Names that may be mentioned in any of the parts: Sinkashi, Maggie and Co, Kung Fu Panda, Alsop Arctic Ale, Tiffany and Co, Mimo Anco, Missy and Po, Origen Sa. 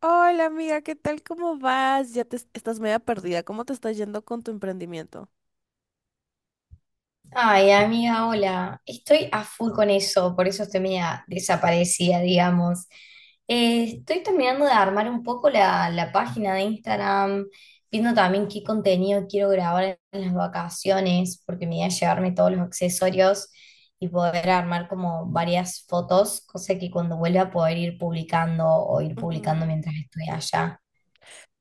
Hola amiga, ¿qué tal? ¿Cómo vas? Ya te estás media perdida. ¿Cómo te está yendo con tu emprendimiento? Ay, amiga, hola. Estoy a full con eso, por eso estoy media desaparecida, digamos. Estoy terminando de armar un poco la página de Instagram, viendo también qué contenido quiero grabar en las vacaciones, porque me voy a llevarme todos los accesorios y poder armar como varias fotos, cosa que cuando vuelva a poder ir publicando o ir publicando Ujú. mientras estoy allá.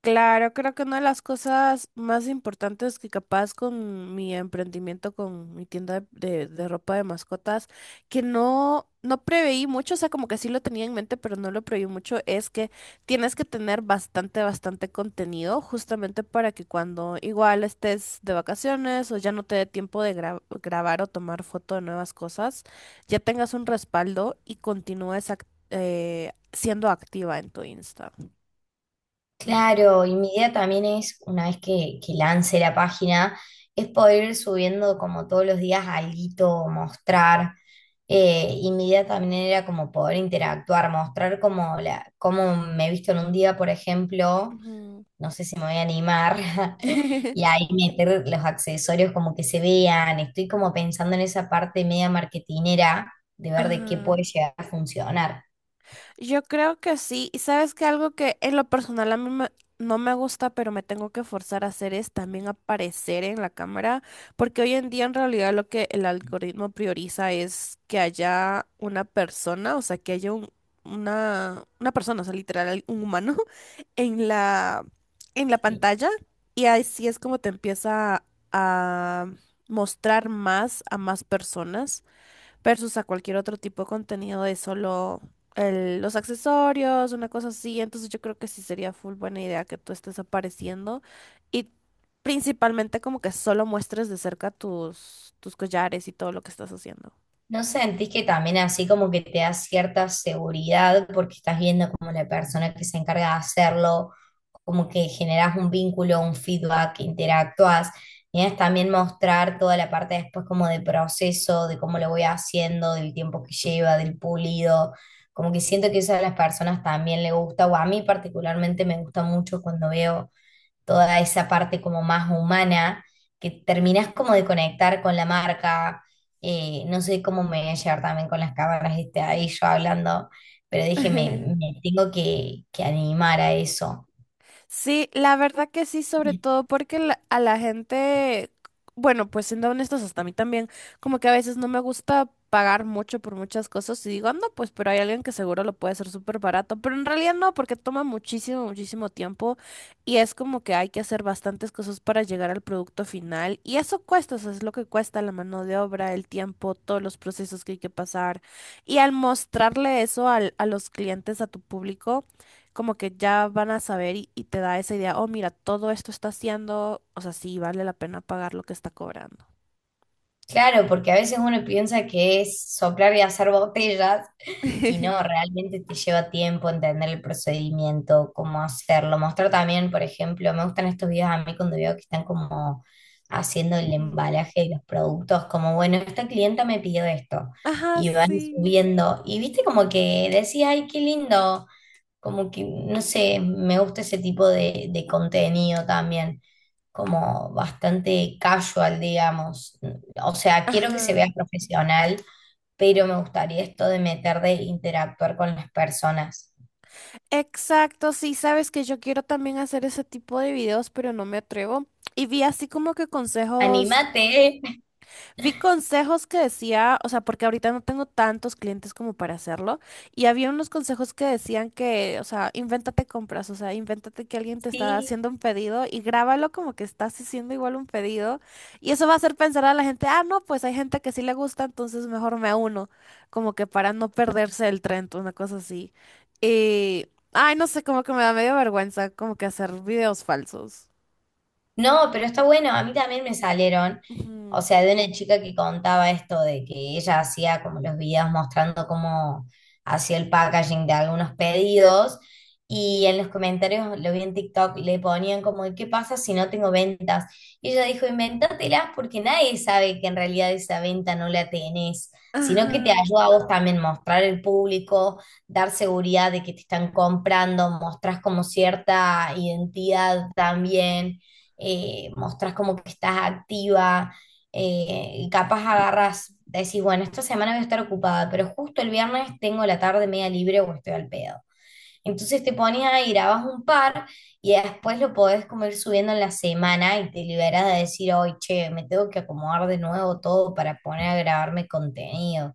Claro, creo que una de las cosas más importantes que capaz con mi emprendimiento, con mi tienda de, de ropa de mascotas, que no preveí mucho, o sea, como que sí lo tenía en mente, pero no lo preveí mucho, es que tienes que tener bastante contenido, justamente para que cuando igual estés de vacaciones o ya no te dé tiempo de grabar o tomar foto de nuevas cosas, ya tengas un respaldo y continúes siendo activa en tu Insta. Ujú. Claro, y mi idea también es, una vez que lance la página, es poder ir subiendo como todos los días alguito, mostrar. Y mi idea también era como poder interactuar, mostrar como cómo me he visto en un día, por ejemplo, Ujú. no sé si me voy a animar, y ahí meter los accesorios como que se vean. Estoy como pensando en esa parte media marketinera de ver de qué puede Ah, llegar a funcionar. yo creo que sí. Y sabes que algo que en lo personal no me gusta, pero me tengo que forzar a hacer es también aparecer en la cámara, porque hoy en día en realidad lo que el algoritmo prioriza es que haya una persona, o sea, que haya una persona, o sea, literal, un humano en en la Sí. pantalla. Y así es como te empieza a mostrar más a más personas, versus a cualquier otro tipo de contenido de solo los accesorios, una cosa así. Entonces yo creo que sí sería full buena idea que tú estés apareciendo y principalmente como que solo muestres de cerca tus collares y todo lo que estás haciendo. ¿No sentís que también así como que te da cierta seguridad porque estás viendo como la persona que se encarga de hacerlo, como que generás un vínculo, un feedback, interactúas? Y es también mostrar toda la parte después como de proceso, de cómo lo voy haciendo, del tiempo que lleva, del pulido. Como que siento que eso a las personas también le gusta, o a mí particularmente me gusta mucho cuando veo toda esa parte como más humana, que terminás como de conectar con la marca. No sé cómo me voy a llevar también con las cámaras este, ahí yo hablando, pero dije, me tengo que animar a eso. Sí, la verdad que sí, sobre todo porque a la gente, bueno, pues siendo honestos, hasta a mí también, como que a veces no me gusta pagar mucho por muchas cosas y digo, no, pues, pero hay alguien que seguro lo puede hacer súper barato, pero en realidad no, porque toma muchísimo tiempo y es como que hay que hacer bastantes cosas para llegar al producto final y eso cuesta, eso es lo que cuesta la mano de obra, el tiempo, todos los procesos que hay que pasar y al mostrarle eso a los clientes, a tu público como que ya van a saber y te da esa idea, oh, mira, todo esto está haciendo, o sea, sí, vale la pena pagar lo que está cobrando. Claro, porque a veces uno piensa que es soplar y hacer botellas y no, realmente te lleva tiempo entender el procedimiento, cómo hacerlo. Mostrar también, por ejemplo, me gustan estos videos a mí cuando veo que están como haciendo el Ujú. embalaje de los productos, como, bueno, esta clienta me pidió esto Ajá, y van sí. subiendo. Y viste como que decía, ay, qué lindo. Como que, no sé, me gusta ese tipo de contenido también, como bastante casual, digamos. O sea, quiero que se vea Ajá. profesional, pero me gustaría esto de meter de interactuar con las personas. Exacto, sí, sabes que yo quiero también hacer ese tipo de videos, pero no me atrevo. Y vi así como que consejos. ¡Anímate! Vi consejos que decía, o sea, porque ahorita no tengo tantos clientes como para hacerlo, y había unos consejos que decían que, o sea, invéntate compras, o sea, invéntate que alguien te está Sí. haciendo un pedido y grábalo como que estás haciendo igual un pedido, y eso va a hacer pensar a la gente, ah, no, pues hay gente que sí le gusta, entonces mejor me uno, como que para no perderse el tren, una cosa así. Y, ay, no sé, como que me da medio vergüenza como que hacer videos falsos. No, pero está bueno, a mí también me salieron, o Ujú. sea, de una chica que contaba esto de que ella hacía como los videos mostrando cómo hacía el packaging de algunos pedidos y en los comentarios, lo vi en TikTok, le ponían como, ¿qué pasa si no tengo ventas? Y ella dijo, invéntatelas porque nadie sabe que en realidad esa venta no la tenés, sino que te Ajá. ayuda a vos también mostrar al público, dar seguridad de que te están comprando, mostrás como cierta identidad también mostrás como que estás activa, y capaz agarras, decís, bueno, esta semana voy a estar ocupada, pero justo el viernes tengo la tarde media libre o estoy al pedo. Entonces te pones ahí, grabas un par y después lo podés como ir subiendo en la semana y te liberas de decir, hoy, che, me tengo que acomodar de nuevo todo para poner a grabarme contenido.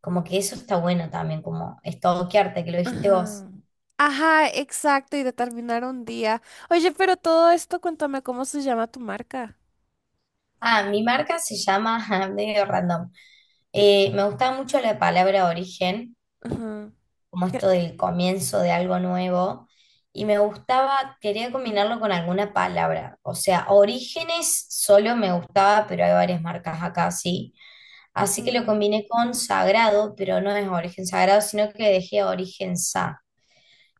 Como que eso está bueno también, como estoquearte, que lo dijiste vos. Ajá. Ajá, exacto, y determinar un día. Oye, pero todo esto, cuéntame cómo se llama tu marca. Ah, mi marca se llama, medio random. Me gustaba mucho la palabra origen Ajá. como ¿Qué? esto del comienzo de algo nuevo, y me gustaba, quería combinarlo con alguna palabra, o sea, Orígenes solo me gustaba, pero hay varias marcas acá, sí, así que lo Ujú. combiné con Sagrado, pero no es Origen Sagrado, sino que dejé Origen Sa.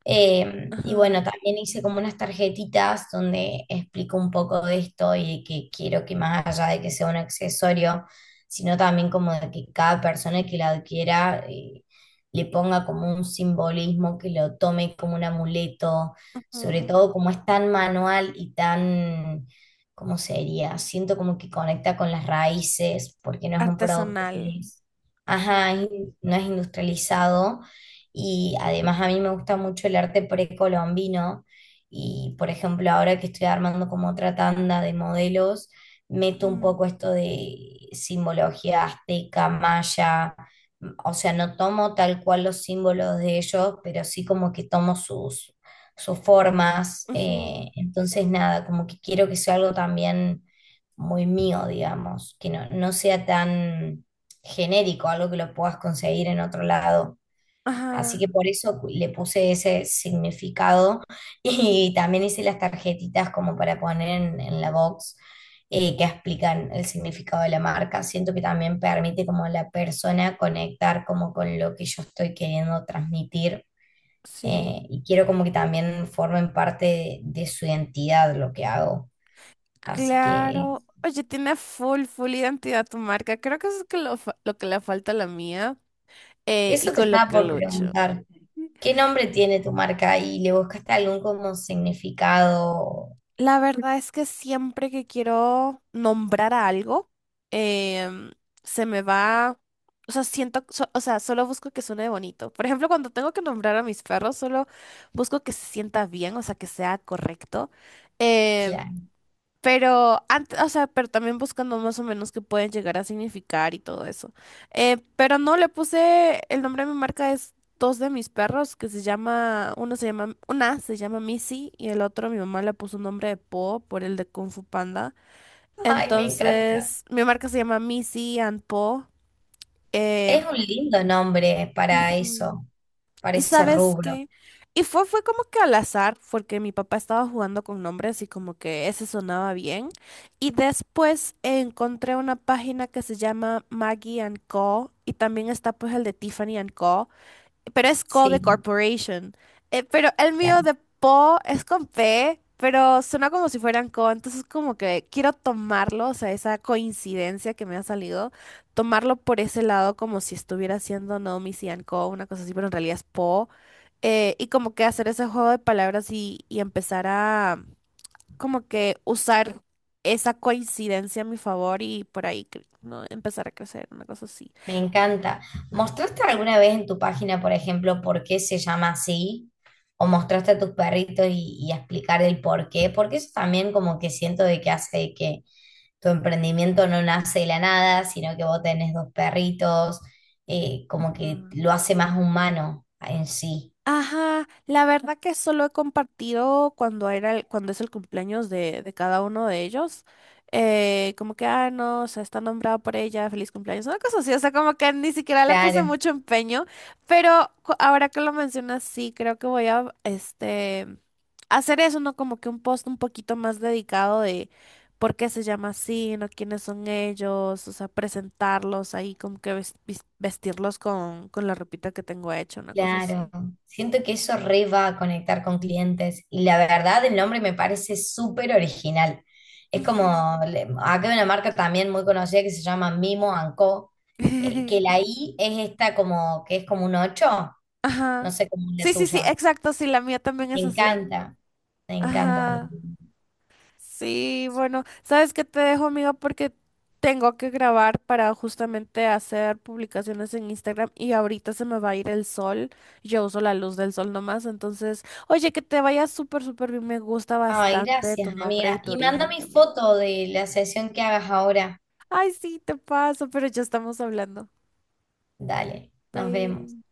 Y bueno, Ajá. también hice como unas tarjetitas donde explico un poco de esto y que quiero que más allá de que sea un accesorio, sino también como de que cada persona que la adquiera le ponga como un simbolismo, que lo tome como un amuleto, sobre Ujú. todo como es tan manual y tan, ¿cómo sería? Siento como que conecta con las raíces, porque no es un producto que Artesanal. es, Ajá. ajá, no es industrializado y además a mí me gusta mucho el arte precolombino y, por ejemplo, ahora que estoy armando como otra tanda de modelos, meto un Ujú. poco esto de simbología azteca, maya, o sea, no tomo tal cual los símbolos de ellos, pero sí como que tomo sus, sus formas. Ujú. Entonces, nada, como que quiero que sea algo también muy mío, digamos, que no, no sea tan genérico, algo que lo puedas conseguir en otro lado. Así Ajá. que por eso le puse ese significado y también hice las tarjetitas como para poner en la box que explican el significado de la marca. Siento que también permite como a la persona conectar como con lo que yo estoy queriendo transmitir Sí. Y quiero como que también formen parte de su identidad lo que hago. Así que Claro. Oye, tiene full, full identidad tu marca. Creo que eso es que lo, lo que le falta a la mía, y eso te con lo estaba que por lucho. preguntar. ¿Qué nombre tiene tu marca y le buscaste algún como significado? La verdad es que siempre que quiero nombrar a algo, em, se me va, o sea, siento, o sea, solo busco que suene bonito. Por ejemplo, cuando tengo que nombrar a mis perros, solo busco que se sienta bien, o sea, que sea correcto. Em, Claro. pero, o sea, pero también buscando más o menos qué pueden llegar a significar y todo eso. Pero no le puse el nombre de mi marca, es dos de mis perros que se llama, uno se llama, una se llama Missy y el otro mi mamá le puso un nombre de Po por el de Kung Fu Panda. Ay, me encanta. Entonces, mi marca se llama Missy and Po. Eh, Es un lindo nombre para ujú. eso, para ¿Y ese sabes rubro. qué? Y fue como que al azar, porque mi papá estaba jugando con nombres y como que ese sonaba bien. Y después encontré una página que se llama Maggie and Co. Y también está pues el de Tiffany and Co, pero es Co de Sí, Corporation. Pero el mío claro. de Po es con P, pero suena como si fueran Co, entonces como que quiero tomarlo, o sea, esa coincidencia que me ha salido, tomarlo por ese lado como si estuviera haciendo Naomi Sian Co, una cosa así, pero en realidad es Po. Y como que hacer ese juego de palabras y empezar a como que usar esa coincidencia a mi favor y por ahí ¿no? empezar a crecer, una cosa así. Me encanta. ¿Mostraste alguna vez en tu página, por ejemplo, por qué se llama así? ¿O mostraste a tus perritos y explicar el por qué? Porque eso también como que siento de que hace que tu emprendimiento no nace de la nada, sino que vos tenés dos perritos, como que lo hace más humano en sí. Ajá, la verdad que solo he compartido cuando cuando es el cumpleaños de cada uno de ellos. Como que, ah, no, o sea, está nombrado por ella, feliz cumpleaños, una cosa así, o sea, como que ni siquiera le puse Claro. mucho empeño, pero ahora que lo mencionas, sí, creo que voy a, este, hacer eso, ¿no? Como que un post un poquito más dedicado de por qué se llama así, ¿no? ¿Quiénes son ellos? O sea, presentarlos ahí, como que vestirlos con la ropita que tengo hecha, una cosa Claro, así. siento que eso re va a conectar con clientes y la verdad el nombre me parece súper original. Es como, Ujú. Acá hay una marca también muy conocida que se llama Mimo Anco, que la I es esta como, que es como un 8, no Ajá. sé cómo es la Sí, sí, sí, tuya. exacto, sí, la mía también Me es así. encanta, me encanta. Ajá. Sí, bueno, ¿sabes qué? Te dejo, amiga, porque tengo que grabar para justamente hacer publicaciones en Instagram y ahorita se me va a ir el sol. Yo uso la luz del sol nomás, entonces, oye, que te vaya súper, súper bien. Me gusta Ay, bastante tu gracias nombre y amiga. tu Y manda origen mi también. foto de la sesión que hagas ahora. Ay, sí, te paso, pero ya estamos hablando. Dale, nos vemos. Bye.